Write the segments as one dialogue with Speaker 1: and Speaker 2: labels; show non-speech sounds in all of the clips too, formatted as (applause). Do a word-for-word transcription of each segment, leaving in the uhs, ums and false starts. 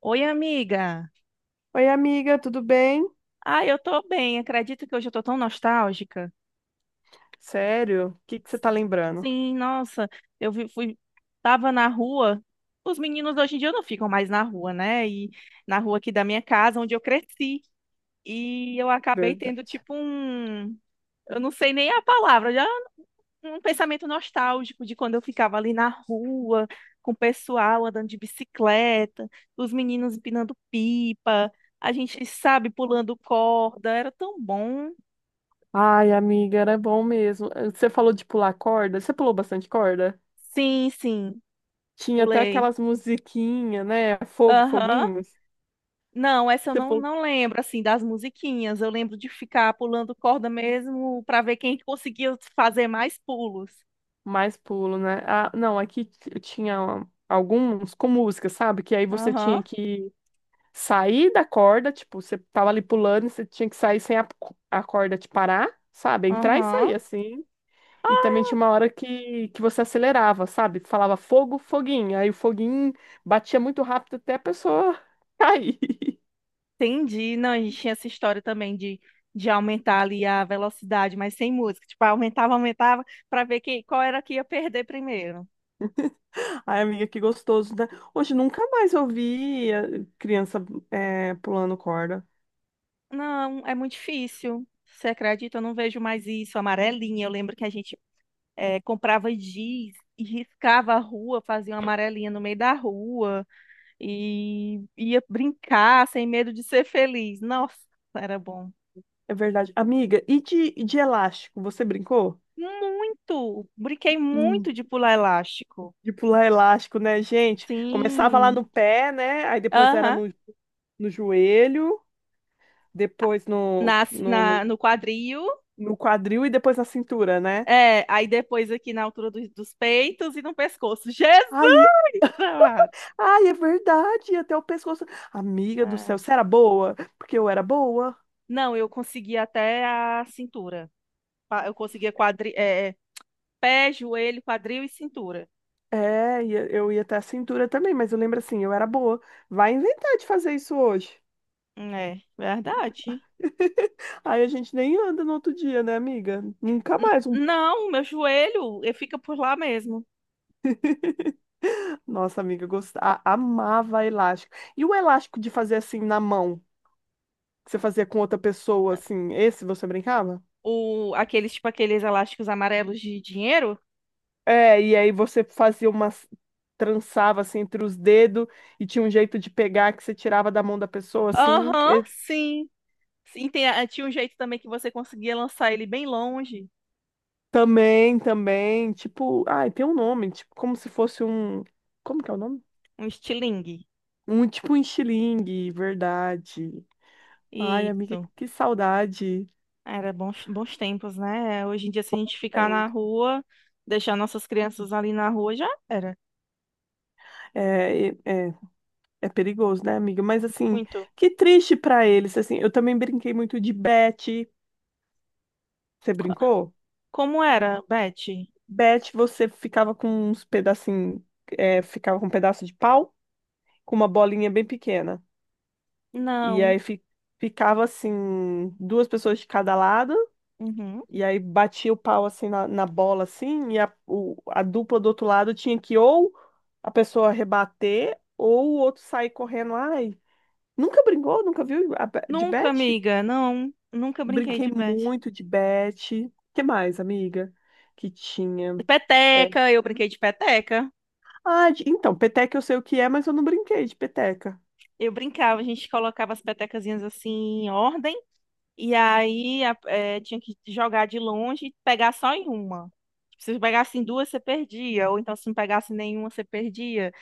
Speaker 1: Oi, amiga.
Speaker 2: Oi, amiga, tudo bem?
Speaker 1: Ah, eu tô bem. Acredito que hoje eu tô tão nostálgica.
Speaker 2: Sério? O que que você tá lembrando?
Speaker 1: Sim, nossa, eu vi- fui, tava na rua. Os meninos hoje em dia não ficam mais na rua, né? E na rua aqui da minha casa, onde eu cresci. E eu acabei tendo
Speaker 2: Verdade.
Speaker 1: tipo um, eu não sei nem a palavra, já um pensamento nostálgico de quando eu ficava ali na rua, com o pessoal andando de bicicleta, os meninos empinando pipa, a gente, sabe, pulando corda. Era tão bom.
Speaker 2: Ai, amiga, era bom mesmo. Você falou de pular corda. Você pulou bastante corda?
Speaker 1: Sim, sim,
Speaker 2: Tinha até
Speaker 1: pulei.
Speaker 2: aquelas musiquinhas, né? Fogo,
Speaker 1: Aham.
Speaker 2: foguinhos.
Speaker 1: Não, essa eu
Speaker 2: Você
Speaker 1: não,
Speaker 2: pulou
Speaker 1: não lembro, assim, das musiquinhas. Eu lembro de ficar pulando corda mesmo pra ver quem conseguia fazer mais pulos.
Speaker 2: mais pulo, né? Ah, não, aqui t- tinha alguns com música, sabe? Que aí você
Speaker 1: Aham,
Speaker 2: tinha que sair da corda, tipo, você tava ali pulando e você tinha que sair sem a, a corda te parar, sabe? Entrar e
Speaker 1: aham.
Speaker 2: sair assim. E também tinha uma hora que, que você acelerava, sabe? Falava fogo, foguinho. Aí o foguinho batia muito rápido até a pessoa (laughs) cair.
Speaker 1: Entendi. Não, a gente tinha essa história também de, de aumentar ali a velocidade, mas sem música. Tipo, aumentava, aumentava, pra ver quem, qual era que ia perder primeiro.
Speaker 2: Ai, amiga, que gostoso, né? Hoje nunca mais eu vi eh, criança eh, pulando corda.
Speaker 1: Não, é muito difícil. Você acredita? Eu não vejo mais isso. Amarelinha, eu lembro que a gente é, comprava giz e riscava a rua, fazia uma amarelinha no meio da rua e ia brincar sem medo de ser feliz. Nossa, era bom.
Speaker 2: É verdade. Amiga, e de, e de elástico? Você brincou?
Speaker 1: Muito! Brinquei muito
Speaker 2: Hum,
Speaker 1: de pular elástico.
Speaker 2: de pular elástico, né, gente? Começava lá no
Speaker 1: Sim.
Speaker 2: pé, né? Aí depois era
Speaker 1: Aham.
Speaker 2: no, no joelho, depois no,
Speaker 1: Na,
Speaker 2: no,
Speaker 1: na,
Speaker 2: no,
Speaker 1: no quadril.
Speaker 2: no quadril e depois na cintura, né?
Speaker 1: É, aí depois aqui na altura dos dos peitos e no pescoço. (laughs) Jesus
Speaker 2: Ai,
Speaker 1: amado!
Speaker 2: ai, é verdade, até o pescoço. Amiga do
Speaker 1: Ai.
Speaker 2: céu, você era boa? Porque eu era boa.
Speaker 1: Não, eu consegui até a cintura. Pa- Eu conseguia quadri, é, pé, joelho, quadril e cintura.
Speaker 2: É, e eu ia até a cintura também, mas eu lembro assim, eu era boa. Vai inventar de fazer isso hoje.
Speaker 1: É, verdade.
Speaker 2: (laughs) Aí a gente nem anda no outro dia, né, amiga? Nunca
Speaker 1: N-
Speaker 2: mais. Um...
Speaker 1: não, meu joelho eh, fica por lá mesmo.
Speaker 2: Nossa, amiga, eu gostava, amava elástico. E o elástico de fazer assim na mão, que você fazia com outra pessoa, assim, esse você brincava?
Speaker 1: O, aqueles, tipo, aqueles elásticos amarelos de dinheiro.
Speaker 2: É, e aí você fazia umas trançava assim entre os dedos e tinha um jeito de pegar que você tirava da mão da pessoa assim.
Speaker 1: Aham,
Speaker 2: E
Speaker 1: sim. Sim, tem a- tinha um jeito também que você conseguia lançar ele bem longe.
Speaker 2: também, também, tipo, ai, tem um nome, tipo, como se fosse um, como que é o nome?
Speaker 1: Um estilingue.
Speaker 2: Um tipo um estilingue, verdade. Ai, amiga,
Speaker 1: Isso.
Speaker 2: que saudade.
Speaker 1: Era bons, bons tempos, né? Hoje em dia, se a gente ficar na
Speaker 2: Tempo.
Speaker 1: rua, deixar nossas crianças ali na rua, já era.
Speaker 2: É, e- é, é perigoso, né, amiga? Mas assim,
Speaker 1: Muito.
Speaker 2: que triste pra eles, assim. Eu também brinquei muito de bete. Você brincou?
Speaker 1: Como era, Beth?
Speaker 2: Bet, você ficava com uns pedacinhos, ficava com um pedaço de pau, com uma bolinha bem pequena. E
Speaker 1: Não.
Speaker 2: aí fi- ficava assim, duas pessoas de cada lado,
Speaker 1: Uhum.
Speaker 2: e aí batia o pau assim na, na bola, assim, e a, o- a dupla do outro lado tinha que ou a pessoa rebater, ou o outro sair correndo. Ai, nunca brincou? Nunca viu a be- de
Speaker 1: Nunca,
Speaker 2: bet?
Speaker 1: amiga. Não. Nunca brinquei
Speaker 2: Brinquei
Speaker 1: de Beth.
Speaker 2: muito de bet. Que mais, amiga? Que tinha. É,
Speaker 1: Peteca, eu brinquei de peteca.
Speaker 2: ah, de- então, peteca eu sei o que é, mas eu não brinquei de peteca.
Speaker 1: Eu brincava, a gente colocava as petecazinhas assim em ordem, e aí a- eh, tinha que jogar de longe e pegar só em uma. Se você pegasse em duas, você perdia, ou então se não pegasse nenhuma, você perdia.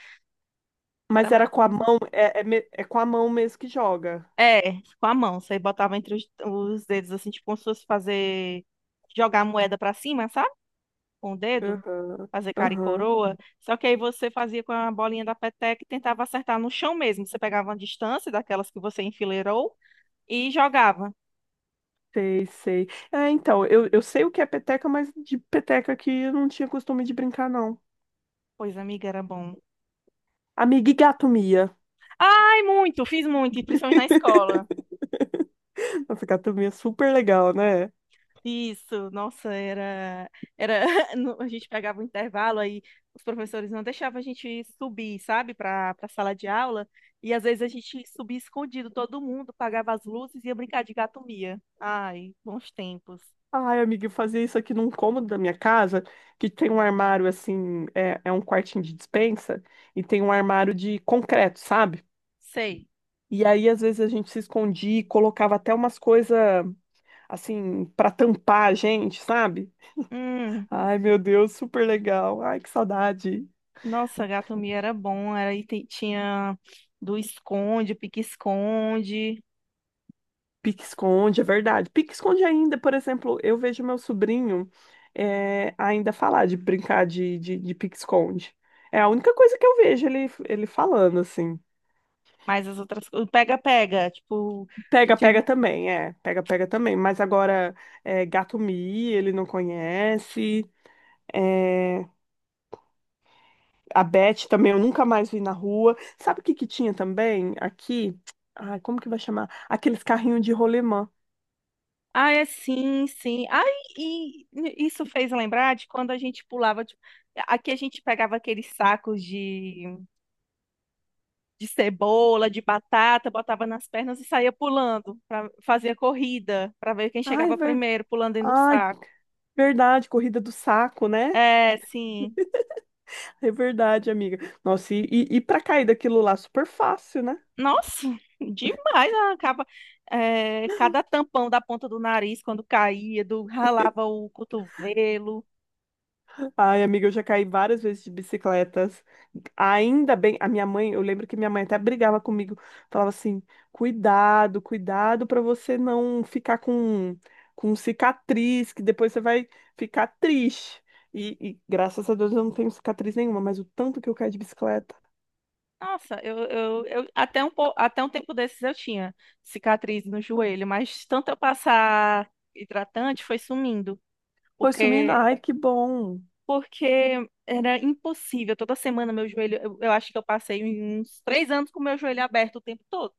Speaker 1: Era
Speaker 2: Mas
Speaker 1: mais
Speaker 2: era com
Speaker 1: ou
Speaker 2: a
Speaker 1: menos assim.
Speaker 2: mão, é, é, me- é com a mão mesmo que joga.
Speaker 1: É, com a mão, você botava entre os, os dedos, assim, tipo, como se fosse fazer. Jogar a moeda pra cima, sabe? Com o dedo.
Speaker 2: Aham,
Speaker 1: Fazer cara e
Speaker 2: aham,
Speaker 1: coroa. Só que aí você fazia com a bolinha da peteca e tentava acertar no chão mesmo. Você pegava uma distância daquelas que você enfileirou e jogava.
Speaker 2: sei, sei. É, então, eu, eu sei o que é peteca, mas de peteca que eu não tinha costume de brincar, não.
Speaker 1: Pois, amiga, era bom.
Speaker 2: Amiga e gato Mia.
Speaker 1: Ai, muito, fiz muito, e principalmente na escola.
Speaker 2: (laughs) Nossa, gato Mia é super legal, né?
Speaker 1: Isso, nossa, era, era, (laughs) no- a gente pegava o intervalo aí, os professores não deixavam a gente subir, sabe, para para sala de aula, e às vezes a gente subia escondido, todo mundo pagava as luzes e ia brincar de gato mia. Ai, bons tempos.
Speaker 2: Ai, amiga, eu fazia isso aqui num cômodo da minha casa, que tem um armário assim, é, é um quartinho de despensa, e tem um armário de concreto, sabe?
Speaker 1: Sei.
Speaker 2: E aí, às vezes, a gente se escondia e colocava até umas coisas, assim, para tampar a gente, sabe?
Speaker 1: Hum.
Speaker 2: Ai, meu Deus, super legal. Ai, que saudade.
Speaker 1: Nossa, gato mia era bom, era e te- tinha do esconde, pique-esconde,
Speaker 2: Pique-esconde, é verdade. Pique-esconde ainda, por exemplo, eu vejo meu sobrinho eh, ainda falar de brincar de, de, de pique-esconde. É a única coisa que eu vejo ele, ele falando, assim.
Speaker 1: mas as outras coisas, pega-pega, tipo, que
Speaker 2: Pega, pega
Speaker 1: tinha...
Speaker 2: também, é. Pega, pega também. Mas agora, é, gato-mia, ele não conhece. eh, A Beth também eu nunca mais vi na rua. Sabe o que que tinha também aqui? Ai, como que vai chamar? Aqueles carrinhos de rolemã.
Speaker 1: Ah, é, sim, sim. Ah, e, e isso fez lembrar de quando a gente pulava, tipo, aqui a gente pegava aqueles sacos de, de cebola, de batata, botava nas pernas e saía pulando, pra, fazia corrida, para ver quem
Speaker 2: Ai, é
Speaker 1: chegava
Speaker 2: verdade.
Speaker 1: primeiro, pulando dentro do
Speaker 2: Ai,
Speaker 1: saco.
Speaker 2: verdade, corrida do saco, né?
Speaker 1: É, sim.
Speaker 2: É verdade, amiga. Nossa, e, e, e pra cair daquilo lá, super fácil, né?
Speaker 1: Nossa, demais a capa. É, cada tampão da ponta do nariz quando caía, do ralava o cotovelo.
Speaker 2: Ai, amiga, eu já caí várias vezes de bicicletas. Ainda bem, a minha mãe, eu lembro que minha mãe até brigava comigo, falava assim: cuidado, cuidado para você não ficar com, com cicatriz, que depois você vai ficar triste. E, e graças a Deus eu não tenho cicatriz nenhuma, mas o tanto que eu caí de bicicleta.
Speaker 1: Nossa, eu, eu, eu- até um, po- até um tempo desses eu tinha cicatriz no joelho, mas tanto eu passar hidratante foi sumindo,
Speaker 2: Foi sumindo,
Speaker 1: porque
Speaker 2: ai, que bom.
Speaker 1: porque era impossível. Toda semana meu joelho, eu, eu acho que eu passei uns três anos com meu joelho aberto o tempo todo.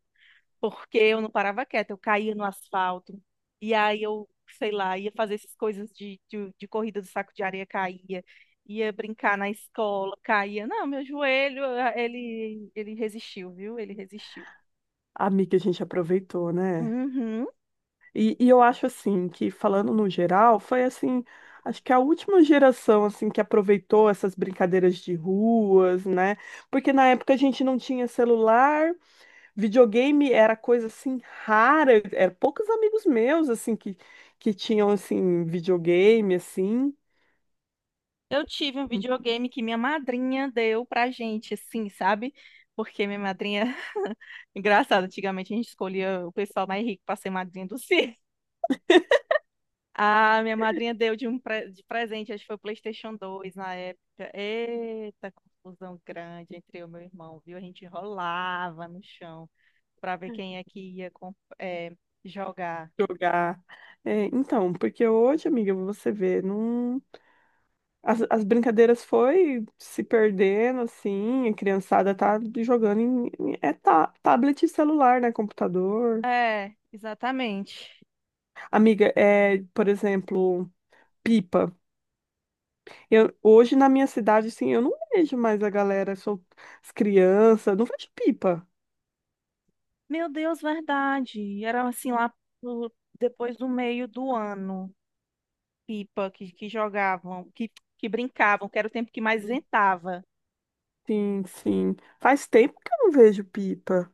Speaker 1: Porque eu não parava quieta, eu caía no asfalto, e aí eu, sei lá, ia fazer essas coisas de, de, de corrida do saco de areia, caía, ia brincar na escola, caía. Não, meu joelho, ah, ele, ele resistiu, viu? Ele resistiu.
Speaker 2: Amiga, a gente aproveitou, né?
Speaker 1: Uhum.
Speaker 2: E, e eu acho assim que falando no geral, foi assim, acho que a última geração assim que aproveitou essas brincadeiras de ruas, né? Porque na época a gente não tinha celular, videogame era coisa assim rara, era poucos amigos meus assim que que tinham assim videogame assim
Speaker 1: Eu tive um videogame que minha madrinha deu pra gente, assim, sabe? Porque minha madrinha. (laughs) Engraçado, antigamente a gente escolhia o pessoal mais rico pra ser madrinha do circo. Ah, minha madrinha deu de um pre- de presente, acho que foi o PlayStation dois na época. Eita, confusão grande entre eu e meu irmão, viu? A gente rolava no chão pra ver quem é que ia com- é, jogar.
Speaker 2: jogar. É, então, porque hoje, amiga, você vê, não. As, as brincadeiras foi se perdendo, assim, a criançada tá jogando em, em- é ta- tablet e celular, né, computador.
Speaker 1: É, exatamente.
Speaker 2: Amiga, é, por exemplo, pipa. Eu, hoje na minha cidade, assim, eu não vejo mais a galera, sou, as crianças, não vejo pipa.
Speaker 1: Meu Deus, verdade. Era assim lá pro- depois do meio do ano, pipa que, que jogavam, que, que brincavam, que era o tempo que mais ventava.
Speaker 2: Sim, sim. Faz tempo que eu não vejo pipa.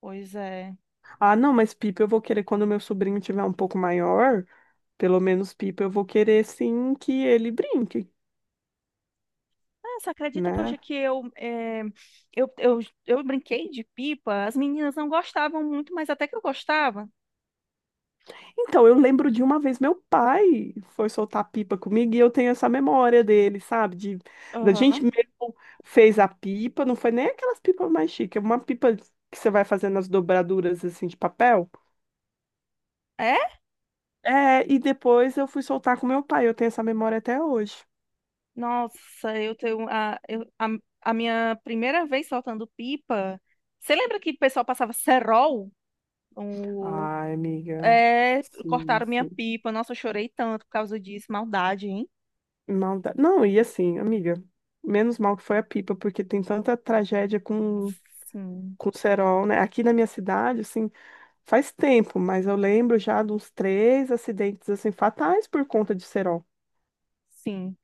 Speaker 1: Pois é.
Speaker 2: Ah, não, mas pipa eu vou querer quando meu sobrinho tiver um pouco maior, pelo menos pipa eu vou querer, sim, que ele brinque,
Speaker 1: Ah, você acredita que
Speaker 2: né?
Speaker 1: hoje que eu, eh, eu, eu, eu brinquei de pipa? As meninas não gostavam muito, mas até que eu gostava.
Speaker 2: Então, eu lembro de uma vez meu pai foi soltar pipa comigo e eu tenho essa memória dele, sabe? De, da gente
Speaker 1: Aham.
Speaker 2: mesmo fez a pipa, não foi nem aquelas pipas mais chiques, é uma pipa que você vai fazendo as dobraduras assim de papel.
Speaker 1: É?
Speaker 2: É, e depois eu fui soltar com meu pai, eu tenho essa memória até hoje.
Speaker 1: Nossa, eu tenho a, eu- a, a minha primeira vez soltando pipa. Você lembra que o pessoal passava cerol? O,
Speaker 2: Ai, amiga,
Speaker 1: é,
Speaker 2: sim,
Speaker 1: cortaram minha
Speaker 2: sim.
Speaker 1: pipa. Nossa, eu chorei tanto por causa disso. Maldade, hein?
Speaker 2: Maldade. Não, e assim, amiga, menos mal que foi a pipa, porque tem tanta tragédia com,
Speaker 1: Sim,
Speaker 2: com o cerol, né? Aqui na minha cidade, assim. Faz tempo, mas eu lembro já de uns três acidentes assim fatais por conta de cerol.
Speaker 1: sim.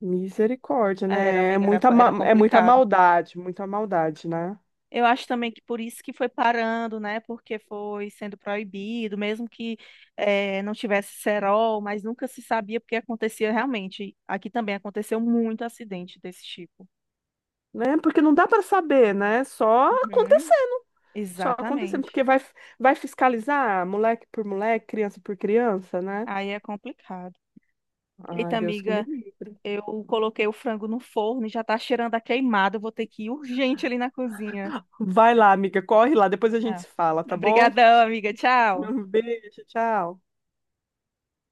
Speaker 2: Misericórdia,
Speaker 1: Era,
Speaker 2: né? É
Speaker 1: amiga, era,
Speaker 2: muita,
Speaker 1: era
Speaker 2: ma- é muita
Speaker 1: complicado.
Speaker 2: maldade, muita maldade, né?
Speaker 1: Eu acho também que por isso que foi parando, né? Porque foi sendo proibido, mesmo que eh, não tivesse cerol, mas nunca se sabia porque acontecia realmente. Aqui também aconteceu muito acidente desse tipo.
Speaker 2: Né? Porque não dá para saber, né? Só
Speaker 1: Uhum,
Speaker 2: acontecendo, só acontecendo,
Speaker 1: exatamente.
Speaker 2: porque vai, vai fiscalizar moleque por moleque, criança por criança, né?
Speaker 1: Aí é complicado.
Speaker 2: Ai,
Speaker 1: Eita,
Speaker 2: Deus que me
Speaker 1: amiga,
Speaker 2: livre.
Speaker 1: eu coloquei o frango no forno e já tá cheirando a queimado. Eu vou ter que ir urgente ali na cozinha.
Speaker 2: Vai lá, amiga, corre lá, depois a gente
Speaker 1: Ah.
Speaker 2: se fala, tá bom?
Speaker 1: Obrigadão, amiga. Tchau.
Speaker 2: (laughs) Um beijo, tchau.